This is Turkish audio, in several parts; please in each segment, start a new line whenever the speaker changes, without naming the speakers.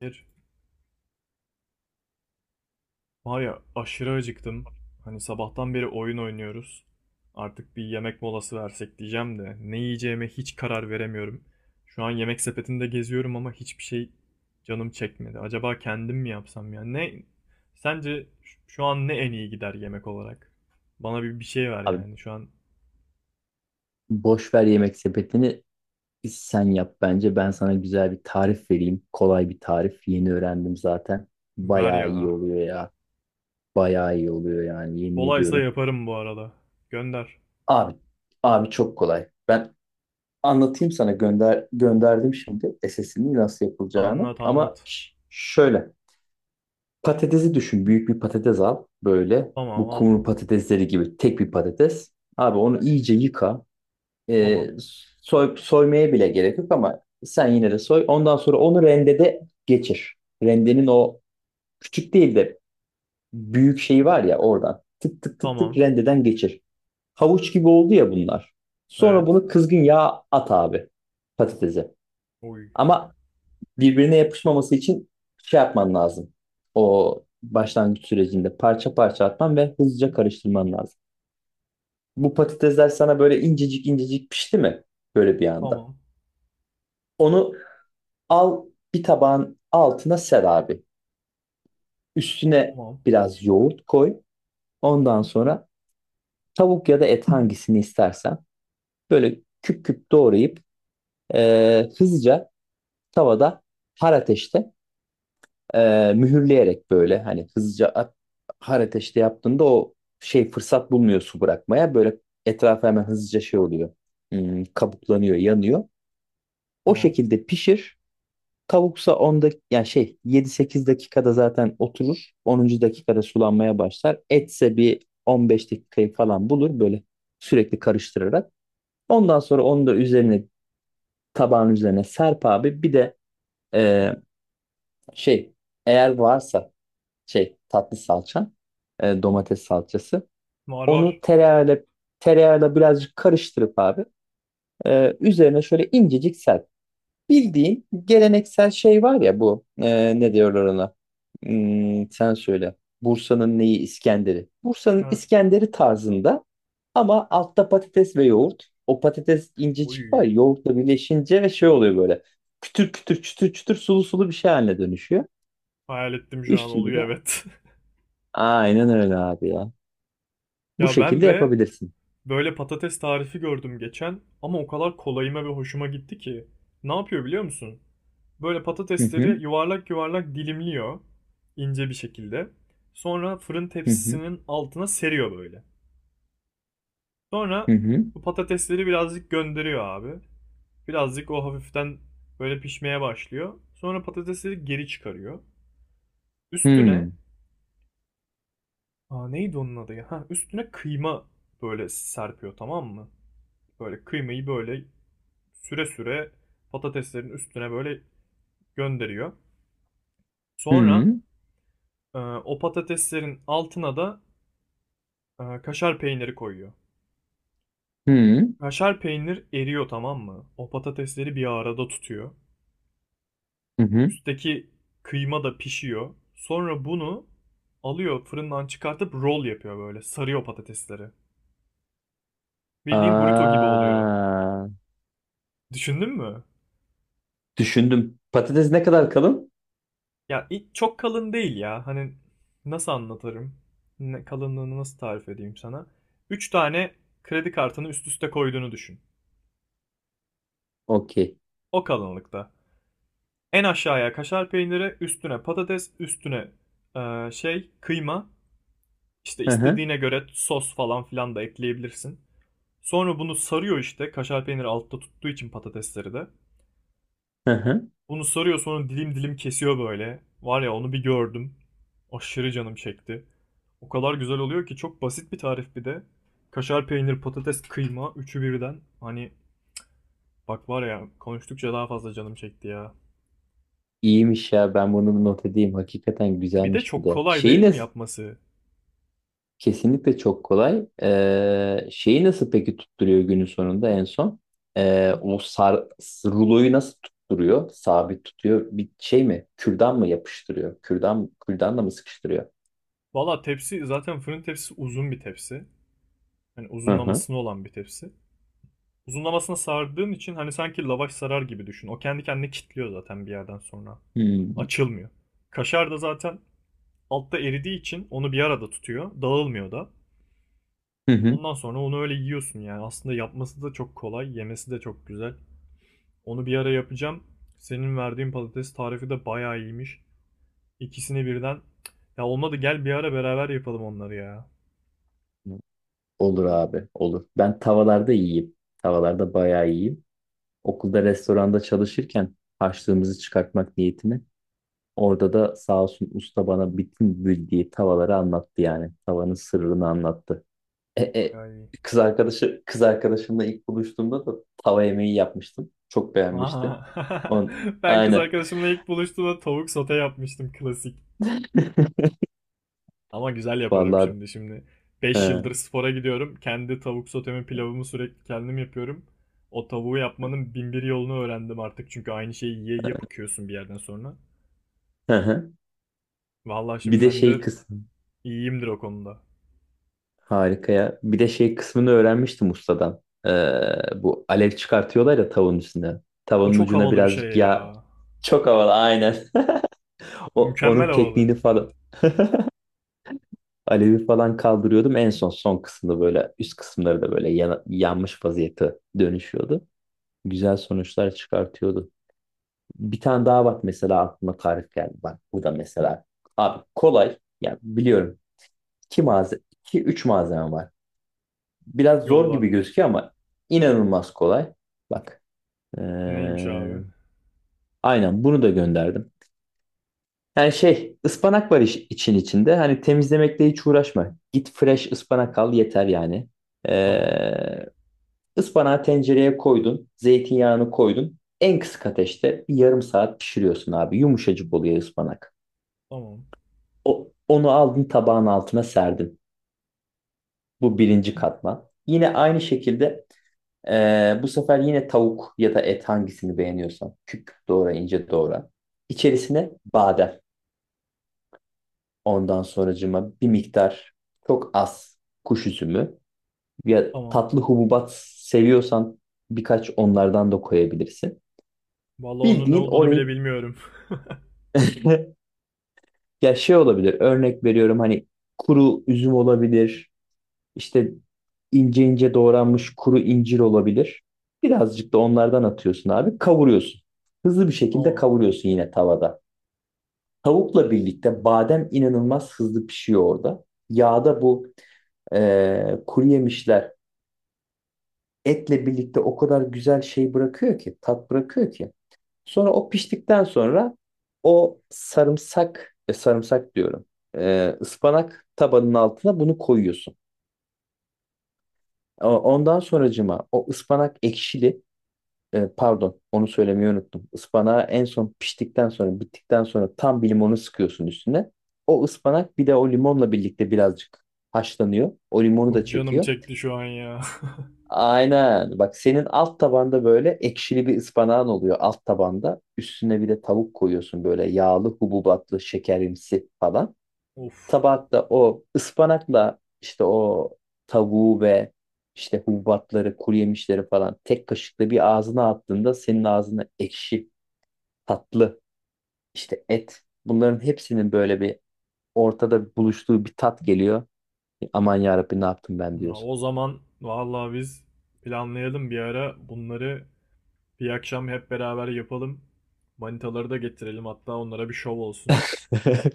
Bir. Var ya aşırı acıktım. Hani sabahtan beri oyun oynuyoruz. Artık bir yemek molası versek diyeceğim de ne yiyeceğime hiç karar veremiyorum. Şu an yemek sepetinde geziyorum ama hiçbir şey canım çekmedi. Acaba kendim mi yapsam ya? Ne sence şu an ne en iyi gider yemek olarak? Bana bir şey ver
Abi
yani şu an.
boş ver yemek sepetini sen yap bence. Ben sana güzel bir tarif vereyim. Kolay bir tarif. Yeni öğrendim zaten.
Ver
Bayağı iyi
ya.
oluyor ya. Bayağı iyi oluyor yani yemin
Kolaysa
ediyorum.
yaparım bu arada. Gönder.
Abi, abi, çok kolay. Ben anlatayım sana gönderdim şimdi SS'ini nasıl yapılacağını.
Anlat
Ama
anlat.
şöyle patatesi düşün. Büyük bir patates al böyle.
Tamam
Bu kumru
aldım.
patatesleri gibi tek bir patates. Abi onu iyice yıka. E,
Tamam.
soy, soymaya bile gerek yok ama sen yine de soy. Ondan sonra onu rendede geçir. Rendenin o küçük değil de büyük şeyi var ya oradan. Tık tık tık tık
Tamam.
rendeden geçir. Havuç gibi oldu ya bunlar. Sonra
Evet.
bunu kızgın yağ at abi patatese.
Oy.
Ama birbirine yapışmaması için şey yapman lazım. O başlangıç sürecinde parça parça atman ve hızlıca karıştırman lazım. Bu patatesler sana böyle incecik incecik pişti mi? Böyle bir anda.
Tamam.
Onu al bir tabağın altına ser abi. Üstüne
Tamam.
biraz yoğurt koy. Ondan sonra tavuk ya da et hangisini istersen böyle küp küp doğrayıp hızlıca tavada har ateşte mühürleyerek böyle hani hızlıca har ateşte yaptığında o şey fırsat bulmuyor su bırakmaya. Böyle etrafı hemen hızlıca şey oluyor. Kabuklanıyor, yanıyor. O
Tamam.
şekilde pişir. Tavuksa 10 dak yani şey 7-8 dakikada zaten oturur. 10. dakikada sulanmaya başlar. Etse bir 15 dakikayı falan bulur böyle sürekli karıştırarak. Ondan sonra onu da üzerine tabağın üzerine serp abi. Bir de e, şey eğer varsa şey tatlı salça, domates salçası,
Var
onu
var.
tereyağıyla birazcık karıştırıp abi, üzerine şöyle incecik serp. Bildiğin geleneksel şey var ya bu, ne diyorlar ona? Sen söyle. Bursa'nın neyi İskender'i? Bursa'nın
Ha.
İskender'i tarzında ama altta patates ve yoğurt. O patates incecik var
Oy.
ya, yoğurtla birleşince ve şey oluyor böyle. Kütür kütür çütür çütür sulu sulu bir şey haline dönüşüyor.
Hayal ettim şu an
Üstünde de
oluyor evet.
aynen öyle abi ya. Bu
Ya ben
şekilde
de
yapabilirsin.
böyle patates tarifi gördüm geçen ama o kadar kolayıma ve hoşuma gitti ki. Ne yapıyor biliyor musun? Böyle
Hı hı
patatesleri yuvarlak yuvarlak dilimliyor ince bir şekilde. Sonra fırın
hı hı
tepsisinin altına seriyor böyle. Sonra
hı
bu patatesleri birazcık gönderiyor abi. Birazcık o hafiften böyle pişmeye başlıyor. Sonra patatesleri geri çıkarıyor. Üstüne.
hı
Aa, neydi onun adı ya? Ha, üstüne kıyma böyle serpiyor, tamam mı? Böyle kıymayı böyle süre süre patateslerin üstüne böyle gönderiyor. Sonra
hı
o patateslerin altına da kaşar peyniri koyuyor.
hı hı
Kaşar peynir eriyor, tamam mı? O patatesleri bir arada tutuyor.
hı. Hı.
Üstteki kıyma da pişiyor. Sonra bunu alıyor, fırından çıkartıp roll yapıyor böyle. Sarıyor patatesleri. Bildiğin burrito gibi oluyor.
Aa.
Düşündün mü?
Düşündüm. Patates ne kadar kalın?
Ya çok kalın değil ya. Hani nasıl anlatırım? Kalınlığını nasıl tarif edeyim sana? 3 tane kredi kartını üst üste koyduğunu düşün.
Okey.
O kalınlıkta. En aşağıya kaşar peyniri, üstüne patates, üstüne şey kıyma. İşte
Hı hı.
istediğine göre sos falan filan da ekleyebilirsin. Sonra bunu sarıyor işte. Kaşar peyniri altta tuttuğu için patatesleri de.
Hı hı.
Bunu sarıyor, sonra dilim dilim kesiyor böyle. Var ya, onu bir gördüm. Aşırı canım çekti. O kadar güzel oluyor ki, çok basit bir tarif bir de. Kaşar peynir, patates, kıyma üçü birden. Hani bak, var ya, konuştukça daha fazla canım çekti ya.
İyiymiş ya ben bunu not edeyim. Hakikaten
Bir de
güzelmiş bir
çok
de.
kolay değil
Şeyi
mi
nasıl?
yapması?
Kesinlikle çok kolay. Şeyi nasıl peki tutturuyor günün sonunda en son? Ee, o sar, ruloyu nasıl tutturuyor? Sabit tutuyor. Bir şey mi? Kürdan mı yapıştırıyor? Kürdanla mı sıkıştırıyor?
Valla tepsi zaten fırın tepsisi, uzun bir tepsi. Hani
Hı hı.
uzunlamasına olan bir tepsi. Uzunlamasına sardığın için hani sanki lavaş sarar gibi düşün. O kendi kendine kilitliyor zaten bir yerden sonra.
Hmm.
Açılmıyor. Kaşar da zaten altta eridiği için onu bir arada tutuyor. Dağılmıyor da.
Hı hı.
Ondan sonra onu öyle yiyorsun yani. Aslında yapması da çok kolay. Yemesi de çok güzel. Onu bir ara yapacağım. Senin verdiğin patates tarifi de bayağı iyiymiş. İkisini birden. Ya olmadı, gel bir ara beraber yapalım onları ya.
Olur abi, olur. Ben tavalarda yiyeyim. Tavalarda bayağı iyiyim. Okulda restoranda çalışırken harçlığımızı çıkartmak niyetini orada da sağ olsun usta bana bütün bildiği tavaları anlattı yani. Tavanın sırrını anlattı. E, e,
Bayağı iyi.
kız arkadaşımla ilk buluştuğumda da tava yemeği yapmıştım. Çok beğenmişti.
Aa,
On,
ben kız
aynen.
arkadaşımla ilk buluştuğumda tavuk sote yapmıştım, klasik. Ama güzel yaparım
Vallahi
şimdi. Şimdi beş
he,
yıldır spora gidiyorum. Kendi tavuk sotemi, pilavımı sürekli kendim yapıyorum. O tavuğu yapmanın bin bir yolunu öğrendim artık. Çünkü aynı şeyi yiye yiye bıkıyorsun bir yerden sonra.
hı hı.
Vallahi
Bir
şimdi
de
ben de
şey kısmı
iyiyimdir o konuda.
harika ya. Bir de şey kısmını öğrenmiştim ustadan. Bu alev çıkartıyorlar ya tavanın üstüne.
O
Tavanın
çok
ucuna
havalı bir şey
birazcık yağ,
ya.
çok havalı aynen. O,
Mükemmel
onun
havalı.
tekniğini falan alevi falan kaldırıyordum. En son son kısımda böyle üst kısımları da böyle yanmış vaziyete dönüşüyordu. Güzel sonuçlar çıkartıyordu. Bir tane daha bak mesela aklıma tarif geldi. Bak bu da mesela abi kolay. Yani biliyorum. İki malzeme, iki üç malzeme var. Biraz zor
Yolla.
gibi gözüküyor ama inanılmaz kolay. Bak. ee,
Neymiş abi?
aynen bunu da gönderdim. Yani şey ıspanak var iş, için içinde. Hani temizlemekle hiç uğraşma. Git fresh ıspanak al yeter yani.
Tamam.
Ee, ıspanağı tencereye koydun. Zeytinyağını koydun. En kısık ateşte bir yarım saat pişiriyorsun abi. Yumuşacık oluyor ıspanak.
Tamam.
Onu aldın tabağın altına serdin. Bu birinci katman. Yine aynı şekilde bu sefer yine tavuk ya da et hangisini beğeniyorsan. Küp küp doğra ince doğra. İçerisine badem. Ondan sonracıma bir miktar çok az kuş üzümü, ya
Tamam.
tatlı hububat seviyorsan birkaç onlardan da koyabilirsin.
Vallahi onun ne
Bildiğin
olduğunu bile
orayı
bilmiyorum.
ya şey olabilir örnek veriyorum hani kuru üzüm olabilir işte ince ince doğranmış kuru incir olabilir. Birazcık da onlardan atıyorsun abi kavuruyorsun. Hızlı bir şekilde
Tamam.
kavuruyorsun yine tavada. Tavukla birlikte badem inanılmaz hızlı pişiyor orada. Yağda bu kuru yemişler etle birlikte o kadar güzel şey bırakıyor ki, tat bırakıyor ki. Sonra o piştikten sonra o sarımsak, sarımsak diyorum, ıspanak tabanın altına bunu koyuyorsun. Ama ondan sonracıma o ıspanak ekşili, pardon onu söylemeyi unuttum. Ispanağı en son piştikten sonra, bittikten sonra tam bir limonu sıkıyorsun üstüne. O ıspanak bir de o limonla birlikte birazcık haşlanıyor. O limonu da
Çok canım
çekiyor.
çekti şu an ya.
Aynen. Bak senin alt tabanda böyle ekşili bir ıspanağın oluyor alt tabanda. Üstüne bir de tavuk koyuyorsun böyle yağlı, hububatlı, şekerimsi falan.
Of.
Tabakta o ıspanakla işte o tavuğu ve işte hububatları, kuru yemişleri falan tek kaşıkla bir ağzına attığında senin ağzına ekşi, tatlı, işte et, bunların hepsinin böyle bir ortada buluştuğu bir tat geliyor. Aman yarabbim ne yaptım ben
Ya,
diyorsun.
o zaman vallahi biz planlayalım bir ara bunları, bir akşam hep beraber yapalım. Manitaları da getirelim, hatta onlara bir şov olsun.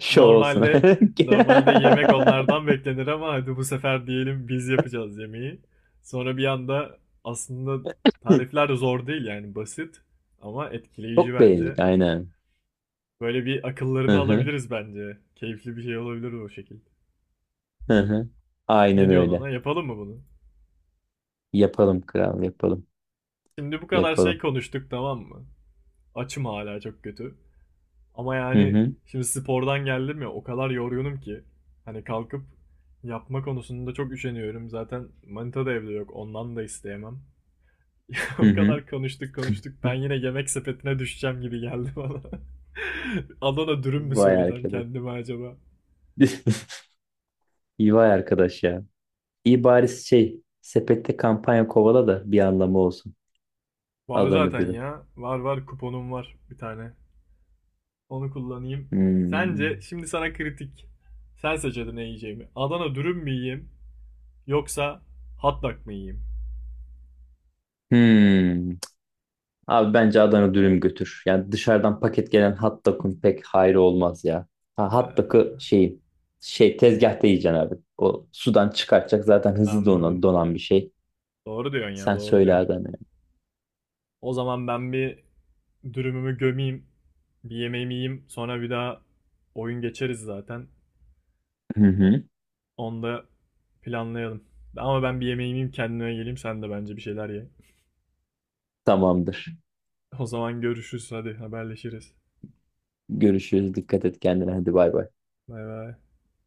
Şov olsun.
Normalde normalde yemek onlardan beklenir ama hadi bu sefer diyelim biz yapacağız yemeği. Sonra bir anda aslında tarifler de zor değil yani, basit ama etkileyici
Çok
bence.
beğendik aynen.
Böyle bir akıllarını
Hı hı
alabiliriz bence. Keyifli bir şey olabilir o şekilde.
hı hı.
Ne
Aynen
diyorsun ona?
öyle.
Yapalım mı bunu?
Yapalım kral yapalım.
Şimdi bu kadar şey
Yapalım.
konuştuk, tamam mı? Açım hala çok kötü. Ama
Hı
yani
hı
şimdi spordan geldim ya, o kadar yorgunum ki. Hani kalkıp yapma konusunda çok üşeniyorum. Zaten manita da evde yok. Ondan da isteyemem.
hı
O
hı.
kadar konuştuk konuştuk. Ben yine yemek sepetine düşeceğim gibi geldi bana. Adana dürüm mü
Vay
söylesem
arkadaş.
kendime acaba?
İyi vay arkadaş ya. İyi bari şey sepette kampanya kovala da bir anlamı olsun.
Var
Adana
zaten
dürüm.
ya. Var var, kuponum var bir tane. Onu kullanayım.
Hmm.
Sence şimdi sana kritik. Sen seç ne yiyeceğimi. Adana dürüm mü yiyeyim yoksa hot dog mı yiyeyim?
Hmm. Abi bence Adana dürüm götür. Yani dışarıdan paket gelen hot dog'un pek hayrı olmaz ya. Ha, hot
Ee,
dog'u şey tezgahta yiyeceksin abi. O sudan çıkartacak zaten hızlı donan,
Anladım.
donan bir şey.
Doğru diyorsun ya,
Sen
doğru
söyle
diyorsun.
Adem.
O zaman ben bir dürümümü gömeyim, bir yemeğimi yiyeyim, sonra bir daha oyun geçeriz zaten.
Hı hı.
Onu da planlayalım. Ama ben bir yemeğimi yiyeyim, kendime geleyim, sen de bence bir şeyler ye.
Tamamdır.
O zaman görüşürüz, hadi haberleşiriz.
Görüşürüz. Dikkat et kendine. Hadi bay bay.
Bay bay.